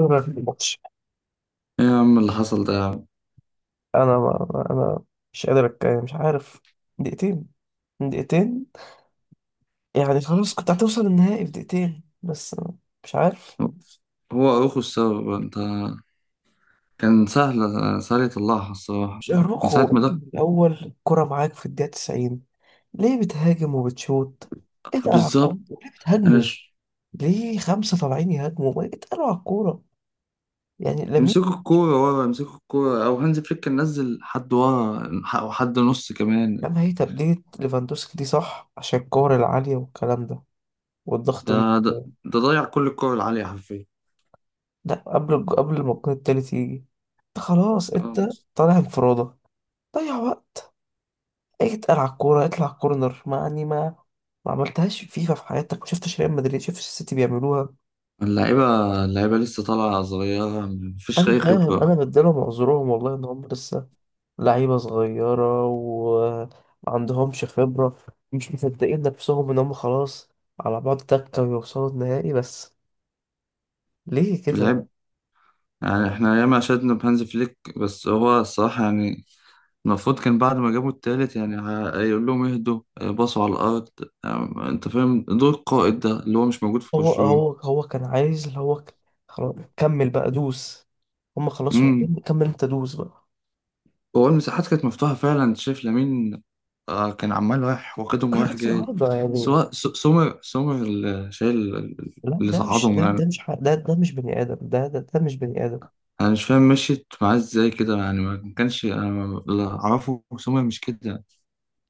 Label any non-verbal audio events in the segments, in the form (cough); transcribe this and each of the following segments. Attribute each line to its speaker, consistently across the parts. Speaker 1: أنا في الماتش.
Speaker 2: ايه يا عم اللي حصل ده يا عم؟
Speaker 1: أنا ما ما- أنا مش قادر أتكلم، مش عارف. دقيقتين، دقيقتين، يعني خلاص كنت هتوصل النهائي في دقيقتين بس. مش عارف.
Speaker 2: هو اخو السبب انت. كان سهل، سهل يطلعها الصراحة
Speaker 1: مش
Speaker 2: من ساعة
Speaker 1: أروخو
Speaker 2: ما دق.
Speaker 1: الأول كرة معاك في الدقيقة 90؟ ليه بتهاجم وبتشوط؟ اتقل على الكورة،
Speaker 2: بالظبط.
Speaker 1: ليه
Speaker 2: انا
Speaker 1: بتهاجموا؟
Speaker 2: ش...
Speaker 1: ليه خمسة طالعين يهاجموا؟ ما اتقلوا على الكورة. يعني لامين
Speaker 2: امسكوا الكورة ورا، امسكوا الكورة، او هانز فليك كان نزل حد ورا او حد نص كمان.
Speaker 1: يامال. هي تبديلة ليفاندوسكي دي صح عشان الكور العالية والكلام ده والضغط
Speaker 2: ده
Speaker 1: من.
Speaker 2: ده ضيع كل الكورة العالية حرفيا
Speaker 1: لا، قبل ما الجون التالت يجي، انت خلاص
Speaker 2: آه.
Speaker 1: انت طالع انفرادة. ضيع وقت، اتقل على الكورة، اطلع كورنر. ما يعني ما ما عملتهاش فيفا في حياتك؟ ما شفتش ريال مدريد؟ شفتش السيتي بيعملوها.
Speaker 2: اللعيبة اللعيبة لسه طالعة صغيرة، مفيش
Speaker 1: انا
Speaker 2: أي
Speaker 1: فاهم،
Speaker 2: خبرة.
Speaker 1: انا بديلهم عذرهم والله ان هم لسه لعيبة صغيرة وما عندهمش خبرة. مش مصدقين نفسهم ان هم خلاص على بعض تكة ويوصلوا النهائي بس. ليه كده؟
Speaker 2: اللعب يعني احنا ياما شدنا بهانز فليك، بس هو الصراحة يعني المفروض كان بعد ما جابوا التالت يعني هيقول لهم اهدوا، باصوا على الأرض. أنت فاهم دور القائد ده اللي هو مش موجود في
Speaker 1: هو
Speaker 2: برشلونة.
Speaker 1: هو هو كان عايز اللي هو خلاص كمل بقى، دوس. هم خلاص
Speaker 2: امم.
Speaker 1: واقفين، كمل، انت دوس بقى.
Speaker 2: هو المساحات كانت مفتوحة فعلا، أنت شايف لامين. كان عمال رايح واخدهم، رايح
Speaker 1: كراكت في
Speaker 2: جاي.
Speaker 1: العارضة يعني.
Speaker 2: سواء سومر اللي شايل،
Speaker 1: لا
Speaker 2: اللي
Speaker 1: ده مش
Speaker 2: صعدهم
Speaker 1: ده،
Speaker 2: يعني.
Speaker 1: ده مش ح- ده ده مش بني آدم. ده مش بني آدم.
Speaker 2: أنا مش فاهم مشيت معاه إزاي كده يعني، ما كانش أنا ما- اللي أعرفه سومر مش كده يعني.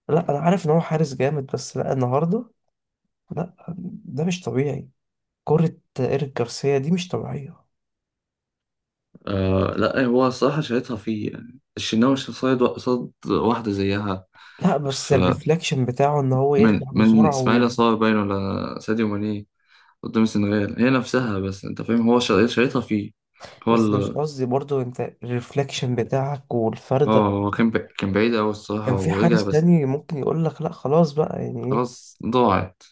Speaker 1: لا انا عارف ان هو حارس جامد، بس لا، النهارده لا، ده مش طبيعي. كرة ايريك جارسيا دي مش طبيعية.
Speaker 2: آه لا، هو الصراحة شايطها فيه يعني. الشناوي مش قصاد واحدة زيها.
Speaker 1: لا بس الريفلكشن بتاعه ان هو يرجع
Speaker 2: من
Speaker 1: بسرعة و...
Speaker 2: اسماعيل صار باين ولا ساديو ماني قدام السنغال هي نفسها، بس انت فاهم هو شايطها فيه. هو
Speaker 1: بس مش
Speaker 2: ال...
Speaker 1: قصدي، برضو انت الريفلكشن بتاعك
Speaker 2: اه
Speaker 1: والفردة.
Speaker 2: هو كان بعيد قوي الصراحة
Speaker 1: كان في
Speaker 2: ورجع
Speaker 1: حارس
Speaker 2: بس.
Speaker 1: تاني ممكن يقول لك لا خلاص بقى، يعني إيه،
Speaker 2: خلاص ضاعت.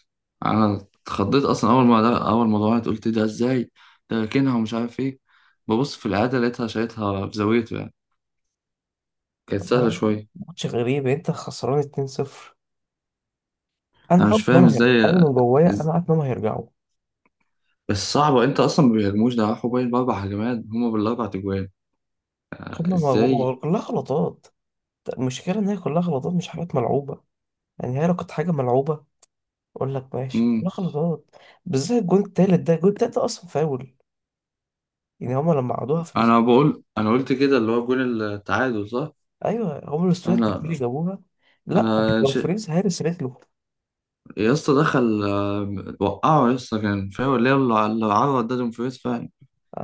Speaker 2: انا اتخضيت اصلا اول ما ضاعت، قلت ده ازاي، ده راكنها ومش عارف ايه. ببص في العادة لقيتها شايطها في زاويته يعني. كانت سهلة شوية.
Speaker 1: ماتش غريب. انت خسران 2-0. انا
Speaker 2: انا
Speaker 1: عارف
Speaker 2: مش
Speaker 1: انهم
Speaker 2: فاهم
Speaker 1: هيرجعوا،
Speaker 2: ازاي.
Speaker 1: انا من جوايا انا
Speaker 2: إز...
Speaker 1: عارف انهم هيرجعوا.
Speaker 2: بس صعبة، انت اصلا ما بيهاجموش، ده راحوا باين باربع هجمات، هما بالاربع تجوان. ازاي؟
Speaker 1: كلها غلطات. المشكله ان هي كلها غلطات، مش حاجات ملعوبه. يعني هي لو كانت حاجه ملعوبه اقول لك ماشي، كلها غلطات. بالذات الجون التالت ده، الجون التالت ده اصلا فاول. يعني هم لما عادوها في الاست...
Speaker 2: انا بقول، انا قلت كده اللي هو جون التعادل صح.
Speaker 1: ايوه هم الاستوديو التكتيكي
Speaker 2: انا
Speaker 1: جابوها. لا،
Speaker 2: انا
Speaker 1: لو
Speaker 2: ش...
Speaker 1: فريز هارس رجله.
Speaker 2: يا اسطى دخل وقعه يا اسطى، كان فاول اللي هو اللي عرض، ده دومفريز فعلا.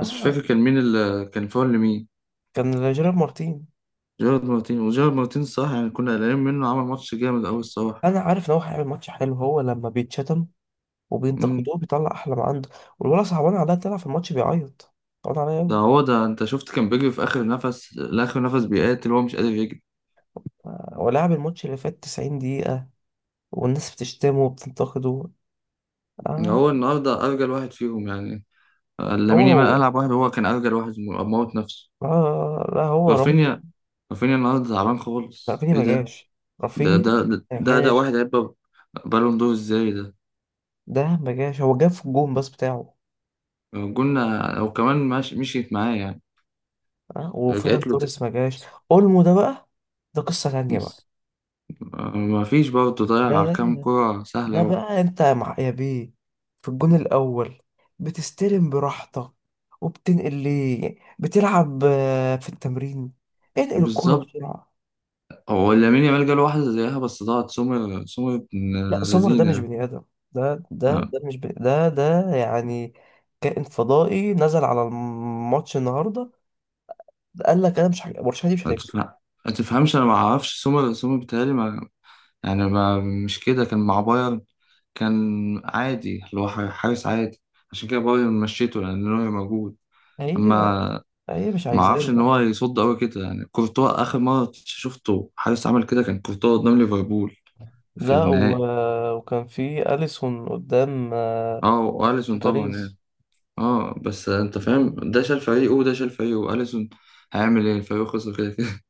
Speaker 2: بس مش فاكر كان مين اللي كان فاول لمين.
Speaker 1: كان جيرار مارتين.
Speaker 2: جيرارد مارتين، وجيرارد مارتين صح يعني، كنا قلقانين منه، عمل ماتش جامد قوي الصراحه.
Speaker 1: انا عارف ان هو هيعمل ماتش حلو، هو لما بيتشتم
Speaker 2: امم.
Speaker 1: وبينتقدوه بيطلع احلى ما عنده. والولد صعبان عليا، طلع في الماتش بيعيط، صعبان عليا
Speaker 2: ده
Speaker 1: أوي.
Speaker 2: هو ده، انت شفت كان بيجري في اخر نفس لاخر نفس، بيقاتل، هو مش قادر يجري.
Speaker 1: آه، هو لعب الماتش اللي فات 90 دقيقة والناس بتشتمه وبتنتقده. آه.
Speaker 2: هو النهارده ارجل واحد فيهم يعني.
Speaker 1: هو
Speaker 2: لامين يامال
Speaker 1: هو
Speaker 2: العب واحد، هو كان ارجل واحد، موت نفسه.
Speaker 1: آه لا هو رام-
Speaker 2: رافينيا، رافينيا النهارده تعبان خالص،
Speaker 1: رافينيا
Speaker 2: ايه
Speaker 1: ما
Speaker 2: ده؟
Speaker 1: جاش. رافينيا ما
Speaker 2: ده
Speaker 1: جاش.
Speaker 2: واحد هيبقى بالون دور ازاي ده.
Speaker 1: ده ما جاش، هو جاب في الجون بس بتاعه.
Speaker 2: قلنا او كمان مش مشيت معاه يعني.
Speaker 1: آه،
Speaker 2: رجعت
Speaker 1: وفيران
Speaker 2: له ت...
Speaker 1: توريس ما جاش. اولمو ده بقى، ده قصة تانية بقى.
Speaker 2: ما فيش برضه، ضيع
Speaker 1: ده
Speaker 2: كام كرة
Speaker 1: ده
Speaker 2: سهلة.
Speaker 1: بقى انت يا مع يا بيه. في الجون الاول بتستلم براحتك وبتنقل، ليه بتلعب آه، في التمرين؟ انقل الكرة
Speaker 2: بالظبط.
Speaker 1: بسرعة.
Speaker 2: هو لامين يامال جاله واحدة زيها بس ضاعت. سمر، سمر ابن
Speaker 1: لا سمر ده مش
Speaker 2: لذينة.
Speaker 1: بني ادم. ده ده
Speaker 2: أه،
Speaker 1: ده مش بني ده ده يعني كائن فضائي نزل على الماتش النهارده. قال لك انا مش هج- برشلونة دي مش
Speaker 2: ما
Speaker 1: هتكسب.
Speaker 2: تفهم- ما تفهمش. أنا ما أعرفش سمر، بتهيألي ما، يعني ما، مش كده كان مع بايرن، كان عادي اللي هو حارس عادي. عشان كده بايرن مشيته لأن نوير موجود.
Speaker 1: هي
Speaker 2: أما
Speaker 1: هي مش
Speaker 2: ما اعرفش ان
Speaker 1: عايزانا.
Speaker 2: هو يصد قوي كده يعني. كورتوا اخر مره شفته حارس عمل كده، كان كورتوا قدام ليفربول في
Speaker 1: لا و...
Speaker 2: النهائي.
Speaker 1: وكان في اليسون قدام آه،
Speaker 2: اه واليسون طبعا يعني.
Speaker 1: باريس.
Speaker 2: اه بس انت فاهم، ده شال فريقه، وده شال فريقه، واليسون هيعمل ايه الفريق خسر كده كده. (laughs)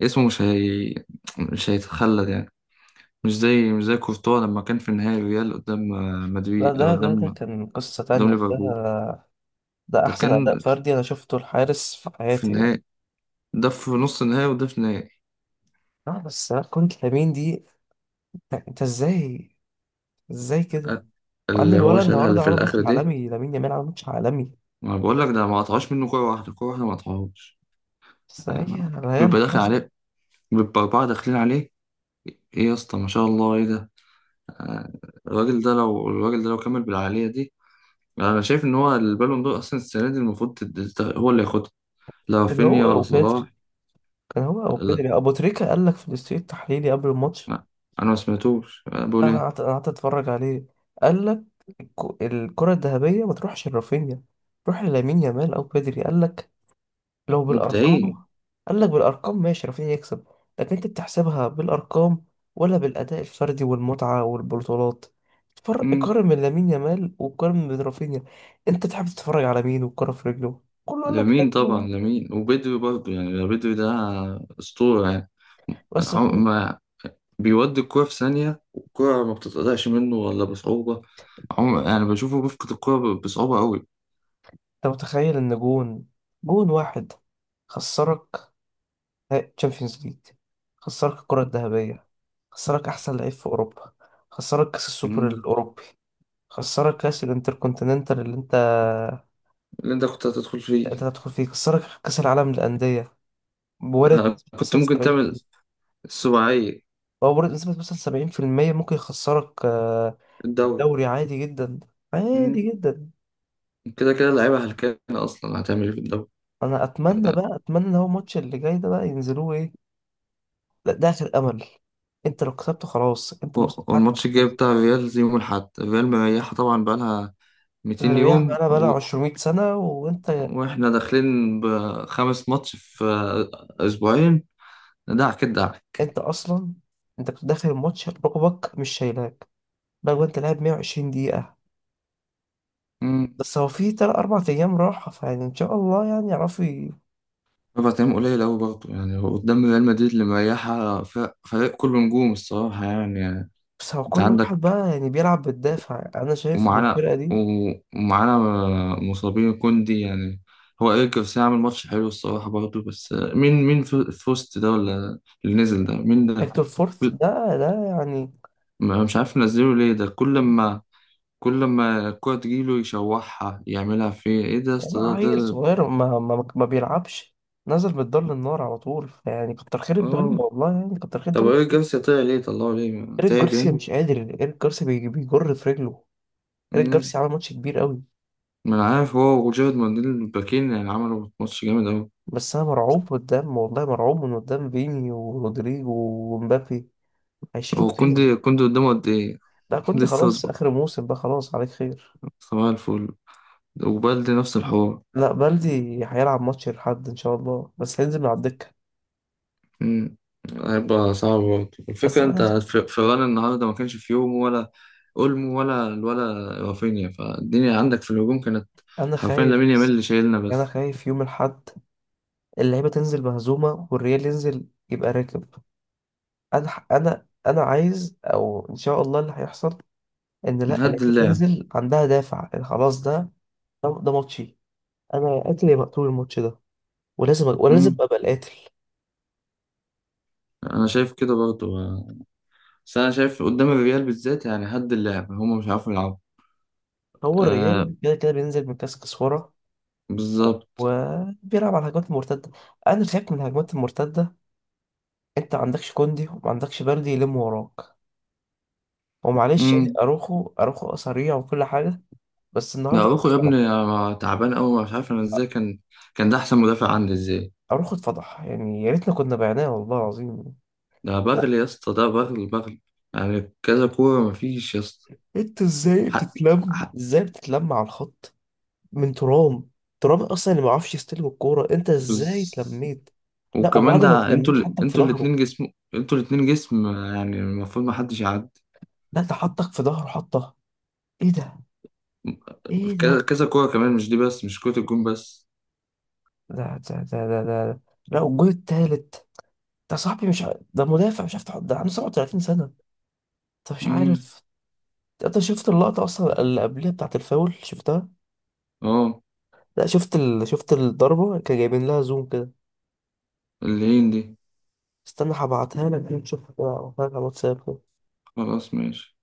Speaker 2: فاسمه مش هي، مش هيتخلد يعني. مش زي كورتوا لما كان في النهائي الريال قدام،
Speaker 1: لا
Speaker 2: مدريد،
Speaker 1: ده،
Speaker 2: قدام
Speaker 1: كان قصة تانية
Speaker 2: ليفربول.
Speaker 1: ده. ده
Speaker 2: ده
Speaker 1: احسن اداء
Speaker 2: كان
Speaker 1: فردي انا شفته الحارس في
Speaker 2: في
Speaker 1: حياتي يعني.
Speaker 2: النهائي، ده في نص النهائي، وده في النهائي.
Speaker 1: اه بس لا، كرة لامين دي، انت ازاي؟ ازاي كده؟ مع ان
Speaker 2: اللي هو
Speaker 1: الولد
Speaker 2: شالها اللي
Speaker 1: النهارده
Speaker 2: في
Speaker 1: عمل ماتش
Speaker 2: الاخر دي،
Speaker 1: عالمي، لامين يامال عمل ماتش عالمي.
Speaker 2: ما بقول لك ده ما قطعوش منه كورة واحدة، كورة واحدة ما قطعوهاش.
Speaker 1: بس هي، هي
Speaker 2: بيبقى داخل
Speaker 1: الحظ.
Speaker 2: عليه، بيبقى أربعة داخلين عليه. إيه يا اسطى، ما شاء الله، إيه ده؟ آه، الراجل ده لو، الراجل ده لو كمل بالعالية دي، أنا شايف إن هو البالون دور أصلا السنة دي المفروض هو اللي ياخدها، لا
Speaker 1: كان هو
Speaker 2: رافينيا ولا
Speaker 1: او
Speaker 2: صلاح.
Speaker 1: بيتري، كان هو او
Speaker 2: لا
Speaker 1: بيتري ابو تريكة قال لك في الاستوديو التحليلي قبل الماتش.
Speaker 2: ما- أنا ما سمعتوش، أنا بقول
Speaker 1: انا
Speaker 2: إيه.
Speaker 1: قعدت أنا قعدت اتفرج عليه، قال لك الكرة الذهبية ما تروحش لرافينيا، تروح للامين يامال او بيدري. قال لك لو
Speaker 2: مبدعين.
Speaker 1: بالارقام، قال لك بالارقام ماشي رافينيا يكسب. لكن انت بتحسبها بالارقام ولا بالاداء الفردي والمتعه والبطولات؟ فرق،
Speaker 2: مم.
Speaker 1: قارن من لامين يامال وقارن من رافينيا. انت تحب تتفرج على مين والكره في رجله كله؟ قال لك
Speaker 2: لامين طبعا،
Speaker 1: لامين.
Speaker 2: لامين وبدري برضه يعني. بدري ده أسطورة يعني.
Speaker 1: بس انت
Speaker 2: ما بيودي الكرة في ثانية، والكرة ما بتتقطعش منه ولا بصعوبة. يعني بشوفه بيفقد الكرة بصعوبة قوي.
Speaker 1: متخيل ان جون، جون واحد خسرك تشامبيونز ليج، خسرك الكره الذهبيه، خسرك احسن لعيب في اوروبا، خسرك كاس السوبر
Speaker 2: مم.
Speaker 1: الاوروبي، خسرك كاس الانتركونتيننتال اللي انت
Speaker 2: اللي انت كنت هتدخل فيه.
Speaker 1: انت تدخل في، كسرك كأس العالم للأندية. بورد
Speaker 2: ها،
Speaker 1: نسبة
Speaker 2: كنت
Speaker 1: مثلا
Speaker 2: ممكن
Speaker 1: 70،
Speaker 2: تعمل السباعية.
Speaker 1: هو بورد نسبة مثلا 70% ممكن يخسرك آه،
Speaker 2: الدوري.
Speaker 1: الدوري. عادي جدا، عادي
Speaker 2: مم.
Speaker 1: جدا.
Speaker 2: كده كده اللعيبة هلكانة أصلا، هتعمل ايه في الدوري.
Speaker 1: انا اتمنى بقى، اتمنى ان هو الماتش اللي جاي ده بقى ينزلوه ايه. لا ده اخر امل، انت لو كسبته خلاص انت الموسم بتاعك
Speaker 2: والماتش الجاي
Speaker 1: محفوظ.
Speaker 2: بتاع الريال زي يوم الأحد، الريال مريحة طبعا بقالها 200
Speaker 1: الرياح
Speaker 2: يوم
Speaker 1: بقى
Speaker 2: و...
Speaker 1: بقى 200 سنة وانت
Speaker 2: واحنا داخلين بـ5 ماتش في أسبوعين. دعك الدعك.
Speaker 1: انت اصلا انت كنت داخل الماتش ركبك مش شايلاك. بقى انت لاعب 120 دقيقة. بس هو في تلات أربع أيام راحة، فيعني إن شاء الله يعني يعرفوا.
Speaker 2: 4 أيام قليل أوي برضه يعني، هو قدام ريال مدريد اللي مريحة، فريق كله نجوم الصراحة يعني، يعني
Speaker 1: بس هو
Speaker 2: أنت
Speaker 1: كل
Speaker 2: عندك.
Speaker 1: واحد بقى يعني بيلعب بالدافع، انا شايف ان
Speaker 2: ومعانا،
Speaker 1: الفرقه دي.
Speaker 2: ومعانا مصابين كوندي يعني. هو إيريك جارسيا عامل ماتش حلو الصراحة برضه، بس مين في وسط ده، ولا اللي نزل ده مين ده.
Speaker 1: هيكتور فورث
Speaker 2: كل-
Speaker 1: ده ده يعني،
Speaker 2: مش عارف نزله ليه، ده كل ما الكورة تجيله يشوحها، يعملها فيه إيه ده يا
Speaker 1: يعني
Speaker 2: اسطى؟ ده
Speaker 1: عيل
Speaker 2: ده
Speaker 1: صغير ما بيلعبش. نزل من الدار للنار على طول، يعني كتر خير الدنيا
Speaker 2: آه.
Speaker 1: والله، يعني كتر خير
Speaker 2: طب
Speaker 1: الدنيا.
Speaker 2: إيريك جارسيا طلع ليه، طلعه ليه
Speaker 1: ايريك
Speaker 2: تعب
Speaker 1: جارسيا مش قادر، ايريك جارسيا بيجر في رجله. ايريك
Speaker 2: يعني؟
Speaker 1: جارسيا عمل ماتش كبير قوي.
Speaker 2: ما انا عارف، هو وجيرد مانديل الباكين يعني عملوا ماتش جامد أوي.
Speaker 1: بس انا مرعوب قدام، والله مرعوب من قدام فيني ورودريجو ومبابي، هيشيلوا
Speaker 2: هو
Speaker 1: الطين.
Speaker 2: كوندي قدامه قد إيه؟
Speaker 1: ده
Speaker 2: (laughs)
Speaker 1: كنت
Speaker 2: لسه
Speaker 1: خلاص
Speaker 2: يظبط.
Speaker 1: اخر موسم بقى، خلاص عليك خير.
Speaker 2: صباح الفل. وبالدي نفس الحوار.
Speaker 1: لا بلدي هيلعب ماتش الحد ان شاء الله، بس هينزل من على الدكه.
Speaker 2: امم. هيبقى صعب برضه
Speaker 1: بس
Speaker 2: الفكرة، أنت
Speaker 1: انا
Speaker 2: في فيران النهاردة ما كانش، في يوم ولا أولمو ولا، ولا رافينيا، فالدنيا عندك في الهجوم كانت
Speaker 1: انا
Speaker 2: حرفيا
Speaker 1: خايف،
Speaker 2: لامين يامال
Speaker 1: بس
Speaker 2: اللي شايلنا
Speaker 1: انا
Speaker 2: بس.
Speaker 1: خايف يوم الحد اللعيبه تنزل مهزومه والريال ينزل يبقى راكب. انا عايز او ان شاء الله اللي هيحصل ان لا،
Speaker 2: نهد
Speaker 1: اللعيبه
Speaker 2: اللعب.
Speaker 1: تنزل عندها دافع إن خلاص ده، ده ماتشي. انا يا قاتل يا مقتول الماتش ده، ولازم
Speaker 2: امم.
Speaker 1: ابقى القاتل.
Speaker 2: أنا شايف كده برضه، بس أنا شايف قدام الريال بالذات يعني هد اللعب، هما مش عارفين يلعبوا.
Speaker 1: هو
Speaker 2: آه،
Speaker 1: الريال كده كده بينزل من كاس كسوره
Speaker 2: بالظبط.
Speaker 1: وبيلعب على الهجمات المرتده. انا خايف من الهجمات المرتده. انت ما عندكش كوندي وما عندكش بلدي يلم وراك. ومعلش يعني،
Speaker 2: مم.
Speaker 1: اروخو سريع وكل حاجه، بس
Speaker 2: ده
Speaker 1: النهارده اروخو
Speaker 2: اروخو يا ابني،
Speaker 1: اتفضح.
Speaker 2: أنا تعبان قوي، مش عارف انا ازاي كان، كان ده احسن مدافع عندي ازاي.
Speaker 1: اروخو اتفضح، يعني يا ريتنا كنا بعناه والله العظيم.
Speaker 2: ده بغل يا اسطى، ده بغل بغل. يعني كذا كوره مفيش يا اسطى.
Speaker 1: انت ازاي
Speaker 2: حق،
Speaker 1: بتتلم،
Speaker 2: حق.
Speaker 1: ازاي بتتلم على الخط من ترام؟ ترام اصلا اللي ما بيعرفش يستلم الكوره، انت ازاي
Speaker 2: بز...
Speaker 1: اتلميت؟ لا
Speaker 2: وكمان
Speaker 1: وبعد ما
Speaker 2: ده،
Speaker 1: اتلميت حطك في
Speaker 2: انتوا
Speaker 1: ظهره.
Speaker 2: الاتنين جسم، انتوا الاتنين جسم يعني المفروض ما حدش يعدي.
Speaker 1: لا ده حطك في ظهره، حطه. ايه ده؟ ايه
Speaker 2: في كذا
Speaker 1: ده؟
Speaker 2: كذا كوره كمان، مش دي بس، مش كرة الجون بس.
Speaker 1: ده ده ده ده, ده. لا، والجول التالت ده صاحبي، مش ع... ده مدافع مش عارف تحط، ده عنده 37 سنه. طب مش
Speaker 2: امم.
Speaker 1: عارف، انت شفت اللقطة اصلا اللي قبلها بتاعت الفاول؟ شفتها؟
Speaker 2: اه.
Speaker 1: لا، شفت الضربة، كان جايبين لها زوم كده.
Speaker 2: اللين دي.
Speaker 1: استنى هبعتها لك تشوفها كده، هبعتها لك على الواتساب.
Speaker 2: خلاص ماشي